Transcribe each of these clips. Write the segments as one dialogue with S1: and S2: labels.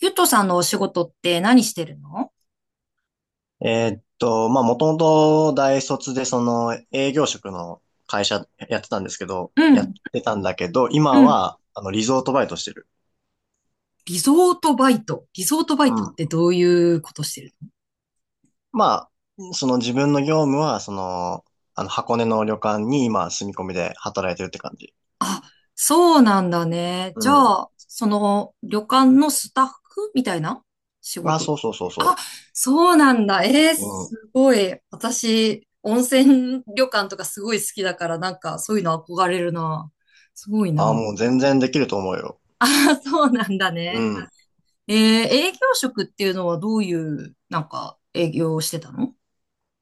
S1: ゆとさんのお仕事って何してるの？
S2: もともと大卒でその営業職の会社やってたんですけど、
S1: う
S2: やっ
S1: ん、
S2: てたんだけど、
S1: う
S2: 今
S1: ん。
S2: は、リゾートバイトしてる。
S1: リゾートバイト。リゾートバイ
S2: う
S1: トって
S2: ん。
S1: どういうことしてるの？
S2: まあ、その自分の業務は、箱根の旅館に今住み込みで働いてるって感じ。
S1: あ、そうなんだね。
S2: う
S1: じゃ
S2: ん。
S1: あ、その旅館のスタッフみたいな仕
S2: あ、
S1: 事。
S2: そうそうそう
S1: あ、
S2: そ
S1: そうなんだ。えー、
S2: う。う
S1: す
S2: ん。
S1: ごい。私、温泉旅館とかすごい好きだから、そういうの憧れるな。すごい
S2: あ、
S1: な。
S2: もう全然できると思うよ。
S1: あ、そうなんだ
S2: う
S1: ね。
S2: ん。
S1: えー、営業職っていうのはどういう、営業をしてたの？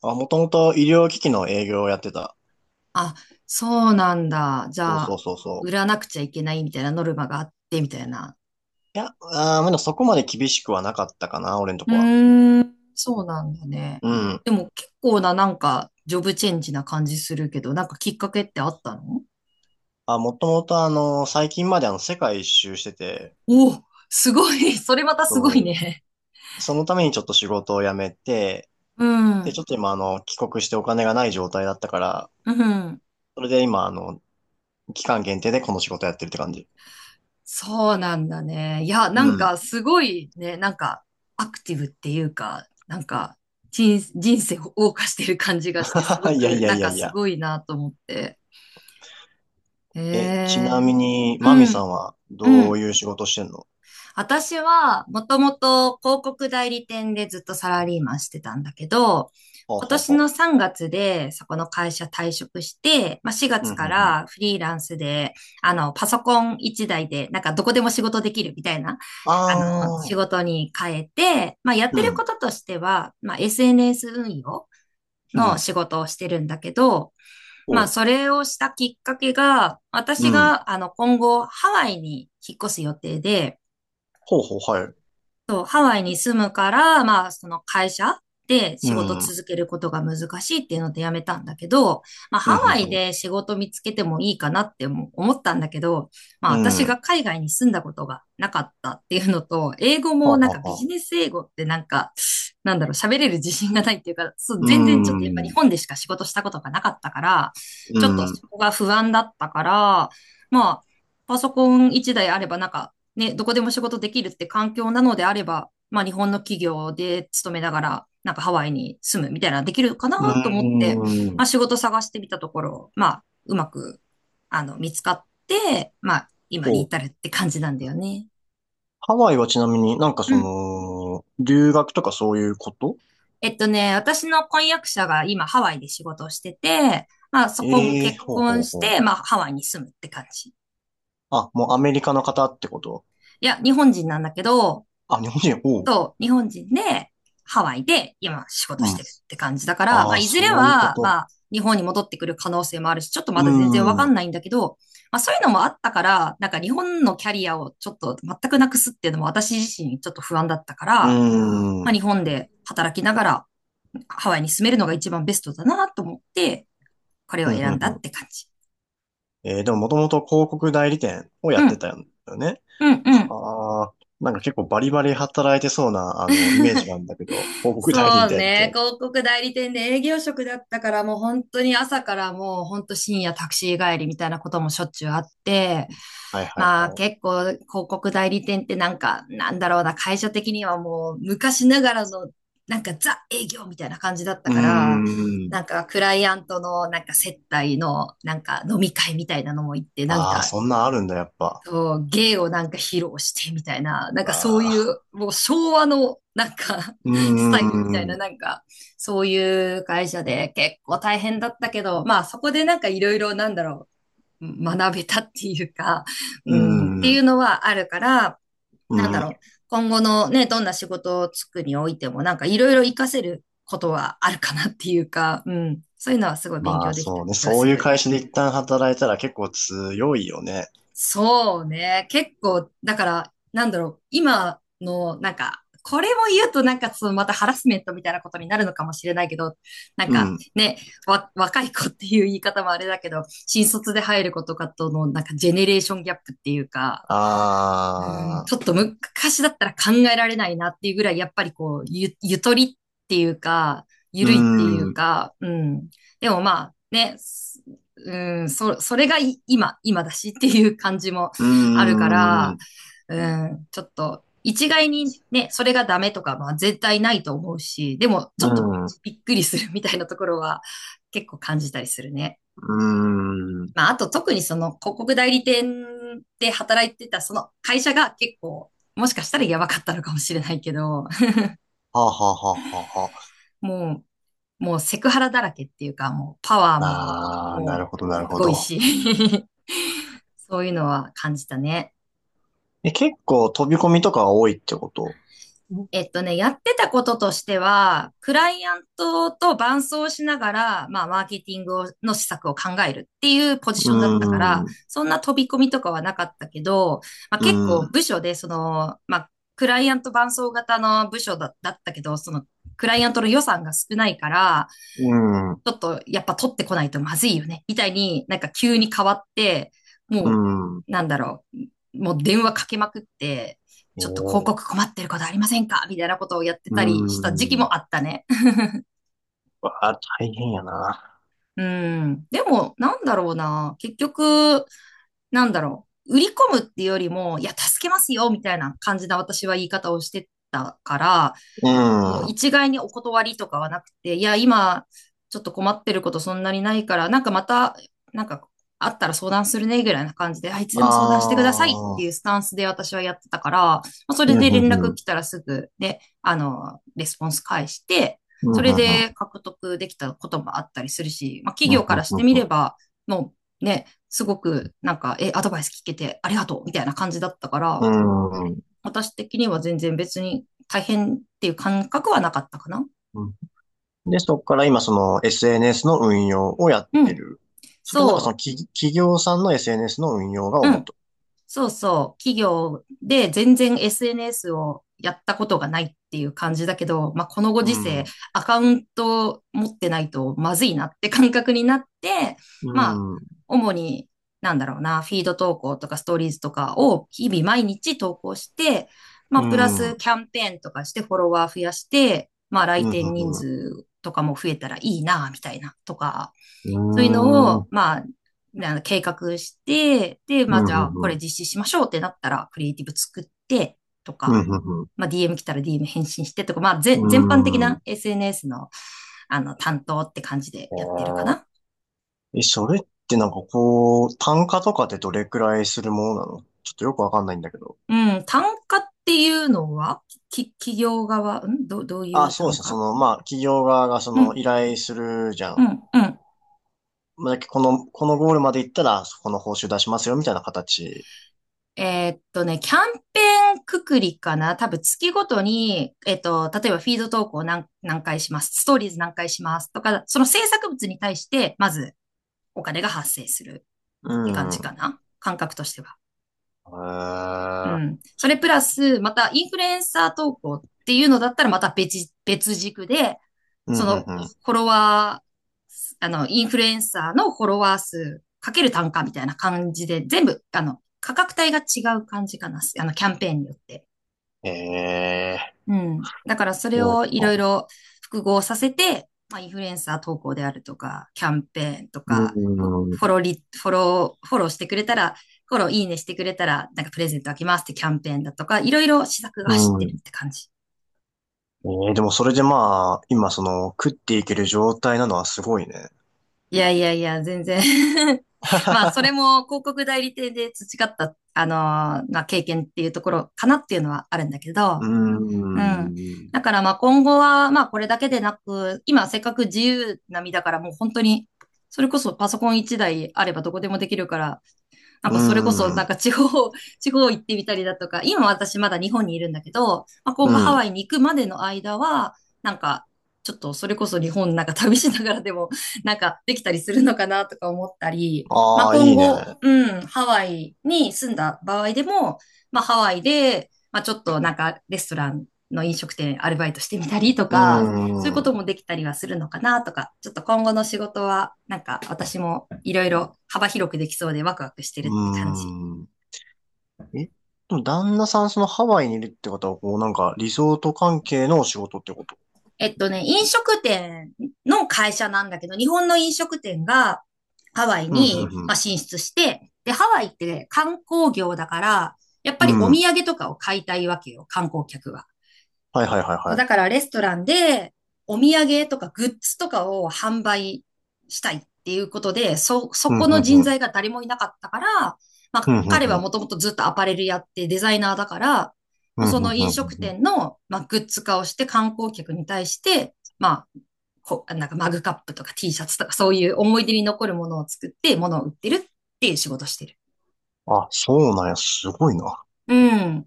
S2: あ、もともと医療機器の営業をやってた。
S1: あ、そうなんだ。じ
S2: そう
S1: ゃ
S2: そう
S1: あ、
S2: そうそ
S1: 売
S2: う。
S1: らなくちゃいけないみたいなノルマがあって、みたいな。
S2: いや、あー、まだそこまで厳しくはなかったかな、俺のと
S1: う
S2: こは。
S1: ーん、そうなんだね。
S2: うん。
S1: でも結構な、ジョブチェンジな感じするけど、なんかきっかけってあったの？
S2: もともと最近まで世界一周してて、
S1: おお、すごい。それまたすご
S2: そ
S1: い
S2: う
S1: ね。
S2: そのためにちょっと仕事を辞めて、
S1: う
S2: で、
S1: ん、
S2: ちょっと今帰国してお金がない状態だったから、
S1: うん。
S2: それで今期間限定でこの仕事やってるって感じ。
S1: そうなんだね。いや、
S2: う
S1: なん
S2: ん。
S1: かすごいね、アクティブっていうか、なんか人生を謳歌してる感じがして、すご
S2: いやい
S1: く、
S2: や
S1: な
S2: い
S1: ん
S2: や
S1: か
S2: い
S1: す
S2: や。
S1: ごいなと思って。え
S2: え、ちな
S1: え。
S2: みに、
S1: う
S2: マミさ
S1: ん、
S2: んは
S1: う
S2: どう
S1: ん。
S2: いう仕事してんの？
S1: 私は、もともと広告代理店でずっとサラリーマンしてたんだけど、
S2: ほう
S1: 今
S2: ほう
S1: 年
S2: ほ
S1: の3月でそこの会社退職して、まあ、4
S2: う。うん、
S1: 月
S2: う
S1: か
S2: ん、うん。
S1: らフリーランスで、パソコン一台で、なんかどこでも仕事できるみたいな、あ
S2: あ
S1: 仕
S2: ー、
S1: 事に変えて、まあ、やっ
S2: う
S1: てるこ
S2: ん、
S1: ととしては、まあ、SNS 運用
S2: う
S1: の
S2: ん、
S1: 仕事をしてるんだけど、ま
S2: ほ
S1: あ、
S2: う、
S1: それをしたきっかけが、
S2: う
S1: 私
S2: ん。
S1: が、今後、ハワイに引っ越す予定で、
S2: ほうほう、はい。
S1: そう、ハワイに住むから、まあ、その会社で
S2: う
S1: 仕事
S2: ん、うん、
S1: 続けることが難しいっていうので辞めたんだけど、まあ、
S2: う
S1: ハワイ
S2: ん、
S1: で仕事見つけてもいいかなっても思ったんだけど、まあ、
S2: うん。
S1: 私
S2: う
S1: が
S2: ん、
S1: 海外に住んだことがなかったっていうのと、英語も
S2: は
S1: なんか
S2: は
S1: ビジ
S2: は。
S1: ネス英語ってなんか、なんだろう、喋れる自信がないっていうか、そう、
S2: う
S1: 全然ちょっとやっぱ日
S2: ん、
S1: 本でしか仕事したことがなかったから、
S2: う
S1: ちょっと
S2: ん。
S1: そこが不安だったから、まあ、パソコン一台あればなんかね、どこでも仕事できるって環境なのであれば、まあ日本の企業で勤めながら、なんかハワイに住むみたいなのできるかな
S2: うー
S1: と思って、まあ
S2: ん。
S1: 仕事探してみたところ、まあうまく、見つかって、まあ今に
S2: お、
S1: 至るって感じなんだよね。
S2: ハワイはちなみになんか
S1: う
S2: そ
S1: ん。
S2: の、留学とかそういうこと？
S1: えっとね、私の婚約者が今ハワイで仕事をしてて、まあそこも
S2: ええ
S1: 結
S2: ー、ほうほ
S1: 婚
S2: う
S1: し
S2: ほ
S1: て、まあ
S2: う。
S1: ハワイに住むって感じ。
S2: あ、もうアメリカの方ってこと？
S1: いや、日本人なんだけど、
S2: あ、日本人、おう。
S1: そう、日本人で、ハワイで今仕事
S2: う
S1: し
S2: ん。
S1: てるって感じだから、ま
S2: あ
S1: あ、
S2: あ、
S1: いずれ
S2: そういうこ
S1: は、ま
S2: と。
S1: あ、日本に戻ってくる可能性もあるし、ちょっと
S2: う
S1: まだ全然わか
S2: ーん。
S1: ん
S2: う
S1: ないんだけど、まあ、そういうのもあったから、なんか日本のキャリアをちょっと全くなくすっていうのも私自身ちょっと不安だったから、
S2: ー
S1: まあ、
S2: ん。
S1: 日本で働きながらハワイに住めるのが一番ベストだなと思って、これ
S2: ふ
S1: を
S2: んふ
S1: 選
S2: ん
S1: んだ
S2: ふ
S1: っ
S2: ん。
S1: て感じ。
S2: えー、でももともと広告代理店をや
S1: う
S2: って
S1: ん、
S2: たんだよね。
S1: うん、うん。
S2: はあ。なんか結構バリバリ働いてそうな、あの、イメージがあるんだけど、広告代理
S1: そう
S2: 店っ
S1: ね、
S2: て。
S1: 広告代理店で営業職だったからもう本当に朝からもう本当深夜タクシー帰りみたいなこともしょっちゅうあって、
S2: はいはい
S1: まあ
S2: はい。
S1: 結構広告代理店ってなんかなんだろうな、会社的にはもう昔ながらのなんかザ営業みたいな感じだった
S2: うー
S1: から、
S2: ん。
S1: なんかクライアントのなんか接待のなんか飲み会みたいなのも行って、なん
S2: ああ、
S1: か
S2: そんなんあるんだ、やっぱ。
S1: そう、芸をなんか披露してみたいな、なんかそう
S2: あ
S1: い
S2: あ、
S1: う、もう昭和のなんか
S2: うー
S1: スタイルみたい
S2: ん、
S1: な、
S2: う
S1: なんかそういう会社で結構大変だったけど、まあそこでなんかいろいろなんだろう、学べたっていうか、う
S2: ー
S1: ん、ってい
S2: ん、
S1: うのはあるから、
S2: う
S1: なんだろ
S2: ん。
S1: う、今後のね、どんな仕事をつくにおいてもなんかいろいろ活かせることはあるかなっていうか、うん、そういうのはすごい勉
S2: ま
S1: 強
S2: あ
S1: できた
S2: そうね、
S1: 気が
S2: そ
S1: す
S2: ういう
S1: る。
S2: 会社で一旦働いたら結構強いよね。
S1: そうね。結構、だから、なんだろう。今の、なんか、これも言うとなんかそのまたハラスメントみたいなことになるのかもしれないけど、なん
S2: う
S1: か
S2: ん。
S1: ね、若い子っていう言い方もあれだけど、新卒で入る子とかとのなんかジェネレーションギャップっていうか、うん、
S2: あ
S1: ち
S2: あ、
S1: ょっと昔だったら考えられないなっていうぐらい、やっぱりこう、ゆとりっていうか、ゆ
S2: うー
S1: るいっていう
S2: ん、う
S1: か、うん。でもまあ、ね、すうん、それがい今、今だしっていう感じも
S2: ー
S1: あるか
S2: ん、
S1: ら、
S2: う
S1: うん、ちょっと、一概にね、それがダメとか、まあ絶対ないと思うし、でも、ちょっと
S2: ん、う
S1: びっくりするみたいなところは結構感じたりするね。
S2: ーん。
S1: まあ、あと特にその広告代理店で働いてたその会社が結構、もしかしたらやばかったのかもしれないけど、
S2: はあはあはあはあは
S1: ももうセクハラだらけっていうか、もうパワー
S2: あ。
S1: も、
S2: ああ、なる
S1: も
S2: ほど、
S1: う
S2: なる
S1: す
S2: ほ
S1: ごい
S2: ど。
S1: し、そういうのは感じたね。
S2: え、結構飛び込みとかが多いってこと？う
S1: えっとね、やってたこととしては、クライアントと伴走しながら、まあ、マーケティングをの施策を考えるっていうポジ
S2: ー
S1: ションだったから、
S2: ん、うん、
S1: そんな飛び込みとかはなかったけど、まあ、
S2: う
S1: 結構
S2: ん、
S1: 部署で、その、まあ、クライアント伴走型の部署だ、だったけど、その、クライアントの予算が少ないから、
S2: う
S1: ちょっとやっぱ取ってこないとまずいよね、みたいになんか急に変わって、も
S2: ん。
S1: う、なんだろう、もう電話かけまくって、
S2: え
S1: ちょっと広
S2: ー、
S1: 告困ってることありませんかみたいなことをやって
S2: うー
S1: たりした時期
S2: ん。
S1: もあったね。
S2: わあ、大変やな。
S1: うん。でも、なんだろうな。結局、なんだろう。売り込むっていうよりも、いや、助けますよみたいな感じな私は言い方をしてたから、
S2: う
S1: もう
S2: ん、
S1: 一概にお断りとかはなくて、いや、今、ちょっと困ってることそんなにないから、なんかまた、なんかあったら相談するね、ぐらいな感じで、あいつでも相談し
S2: あ
S1: てくださいっていう
S2: あ、
S1: スタンスで私はやってたから、まあ、そ
S2: うん、
S1: れで
S2: う
S1: 連
S2: ん
S1: 絡
S2: うん。
S1: 来たらすぐね、レスポンス返して、
S2: うん、う
S1: それ
S2: んう
S1: で
S2: ん。
S1: 獲得できたこともあったりするし、まあ、企
S2: うん、ん、
S1: 業からしてみれば、もうね、すごくなんか、え、アドバイス聞けてありがとうみたいな感じだったから、
S2: うん。
S1: 私的には全然別に大変っていう感覚はなかったかな。
S2: うん。で、そこから今その SNS の運用をやっ
S1: う
S2: て
S1: ん。
S2: る。それなんかそ
S1: そ
S2: の企業さんの SNS の運用が
S1: う。う
S2: 主
S1: ん。
S2: と？
S1: そうそう、企業で全然 SNS をやったことがないっていう感じだけど、まあ、このご時世、
S2: う
S1: アカウント持ってないとまずいなって感覚になって、まあ、
S2: ん。うん。
S1: 主に、なんだろうな、フィード投稿とかストーリーズとかを日々毎日投稿して、まあ、
S2: う
S1: プラ
S2: ん。うん。
S1: ス
S2: う
S1: キャンペーンとかしてフォロワー増やして、まあ、来
S2: ん。
S1: 店人数とかも増えたらいいな、みたいな、とか、
S2: う
S1: そういうの
S2: ん。う
S1: を、
S2: ん。
S1: まあ、あの計画して、で、ま
S2: う
S1: あ、じゃあ、これ
S2: ん。
S1: 実施しましょうってなったら、クリエイティブ作って、と
S2: う
S1: か、
S2: ん。
S1: まあ、DM 来たら DM 返信してとか、まあ、ぜ
S2: う
S1: 全般的な
S2: ん。
S1: SNS の、あの、担当って感じで
S2: え
S1: やってるか
S2: ー、
S1: な。
S2: え、それってなんかこう、単価とかってどれくらいするものなの？ちょっとよくわかんないんだけど。
S1: うん、単価っていうのは、企業側、うん、ど、どうい
S2: あ、
S1: う
S2: そうで
S1: 単
S2: すね。そ
S1: 価。
S2: の、まあ、企業側がそ
S1: う
S2: の
S1: ん、
S2: 依頼するじゃ
S1: う
S2: ん。
S1: ん、うん。
S2: まあ、このゴールまで行ったら、そこの報酬出しますよ、みたいな形。
S1: キャンペーンくくりかな多分月ごとに、例えばフィード投稿何回します、ストーリーズ何回しますとか、その制作物に対して、まずお金が発生する
S2: う
S1: って感じか
S2: ん。へ
S1: な、感覚としては。う
S2: ー、
S1: ん。それプラス、またインフルエンサー投稿っていうのだったら、また別軸で、
S2: うん、う
S1: そ
S2: ん、
S1: の
S2: うん。
S1: フォロワー、インフルエンサーのフォロワー数かける単価みたいな感じで、全部、価格帯が違う感じかな、キャンペーンによって。
S2: ええ、
S1: うん。だからそれ
S2: そう
S1: をいろい
S2: か、
S1: ろ複合させて、まあ、インフルエンサー投稿であるとか、キャンペーンと
S2: う
S1: か、フォ
S2: ん、
S1: フォローリ、フォロー、フォローしてくれたら、フォローいいねしてくれたら、なんかプレゼントあげますってキャンペーンだとか、いろいろ施策が
S2: う
S1: 走ってるっ
S2: ん。
S1: て感じ。
S2: ええ、でもそれでまあ、今その、食っていける状態なのはすごいね。
S1: いやいやいや、全然。 まあ、それ も広告代理店で培った、まあ、経験っていうところかなっていうのはあるんだけ
S2: う
S1: ど、うん。
S2: ん、
S1: だからまあ今後はまあこれだけでなく、今せっかく自由な身だからもう本当に、それこそパソコン一台あればどこでもできるから、なん
S2: う
S1: かそれこそ、なん
S2: ん、
S1: か地方、地方行ってみたりだとか、今私まだ日本にいるんだけど、まあ、今
S2: う
S1: 後ハ
S2: ん。
S1: ワイに行くまでの間は、なんか、ちょっとそれこそ日本なんか旅しながらでも、なんかできたりするのかなとか思ったり、まあ
S2: ああ、い
S1: 今
S2: いね。
S1: 後、うん、ハワイに住んだ場合でも、まあハワイで、まあちょっとなんかレストランの飲食店アルバイトしてみたりと
S2: う
S1: か、そういうこ
S2: ん、
S1: と
S2: う
S1: もできたりはするのかなとか、ちょっと今後の仕事は、なんか私もいろいろ幅広くできそうでワクワクしてるって感じ。
S2: ん。え、でも旦那さんそのハワイにいるってことは、こうなんかリゾート関係のお仕事ってこと？
S1: 飲食店の会社なんだけど、日本の飲食店がハワイ
S2: うん、
S1: に、
S2: う
S1: まあ、
S2: ん、
S1: 進出して、で、ハワイって観光業だから、やっぱ
S2: う
S1: りお
S2: ん。う
S1: 土
S2: ん。
S1: 産とかを買いたいわけよ、観光客は。
S2: はいはいはい
S1: そう
S2: は
S1: だ
S2: い。
S1: からレストランでお土産とかグッズとかを販売したいっていうことで、そ、そ
S2: うん、う
S1: こ
S2: ん、う
S1: の人
S2: ん。
S1: 材が誰もいなかったから、ま
S2: う
S1: あ
S2: ん、うん、
S1: 彼
S2: う
S1: は
S2: ん。
S1: もともとずっとアパレルやってデザイナーだから、
S2: う
S1: まあ
S2: ん、うん、
S1: そ
S2: うん。う
S1: の
S2: ん
S1: 飲食
S2: うん。
S1: 店の、まあ、グッズ化をして観光客に対して、まあ、なんかマグカップとか Tシャツとかそういう思い出に残るものを作って物を売ってるっていう仕事をしてる。
S2: あ、そうなんや、すごいな。
S1: うん。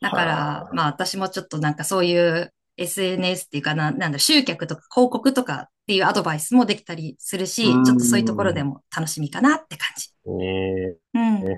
S1: だから、
S2: あ。
S1: まあ私もちょっとなんかそういう SNS っていうかな、なんだ、集客とか広告とかっていうアドバイスもできたりする
S2: うー
S1: し、ちょっとそういうところで
S2: ん。
S1: も楽しみかなって感じ。
S2: ええ
S1: うん。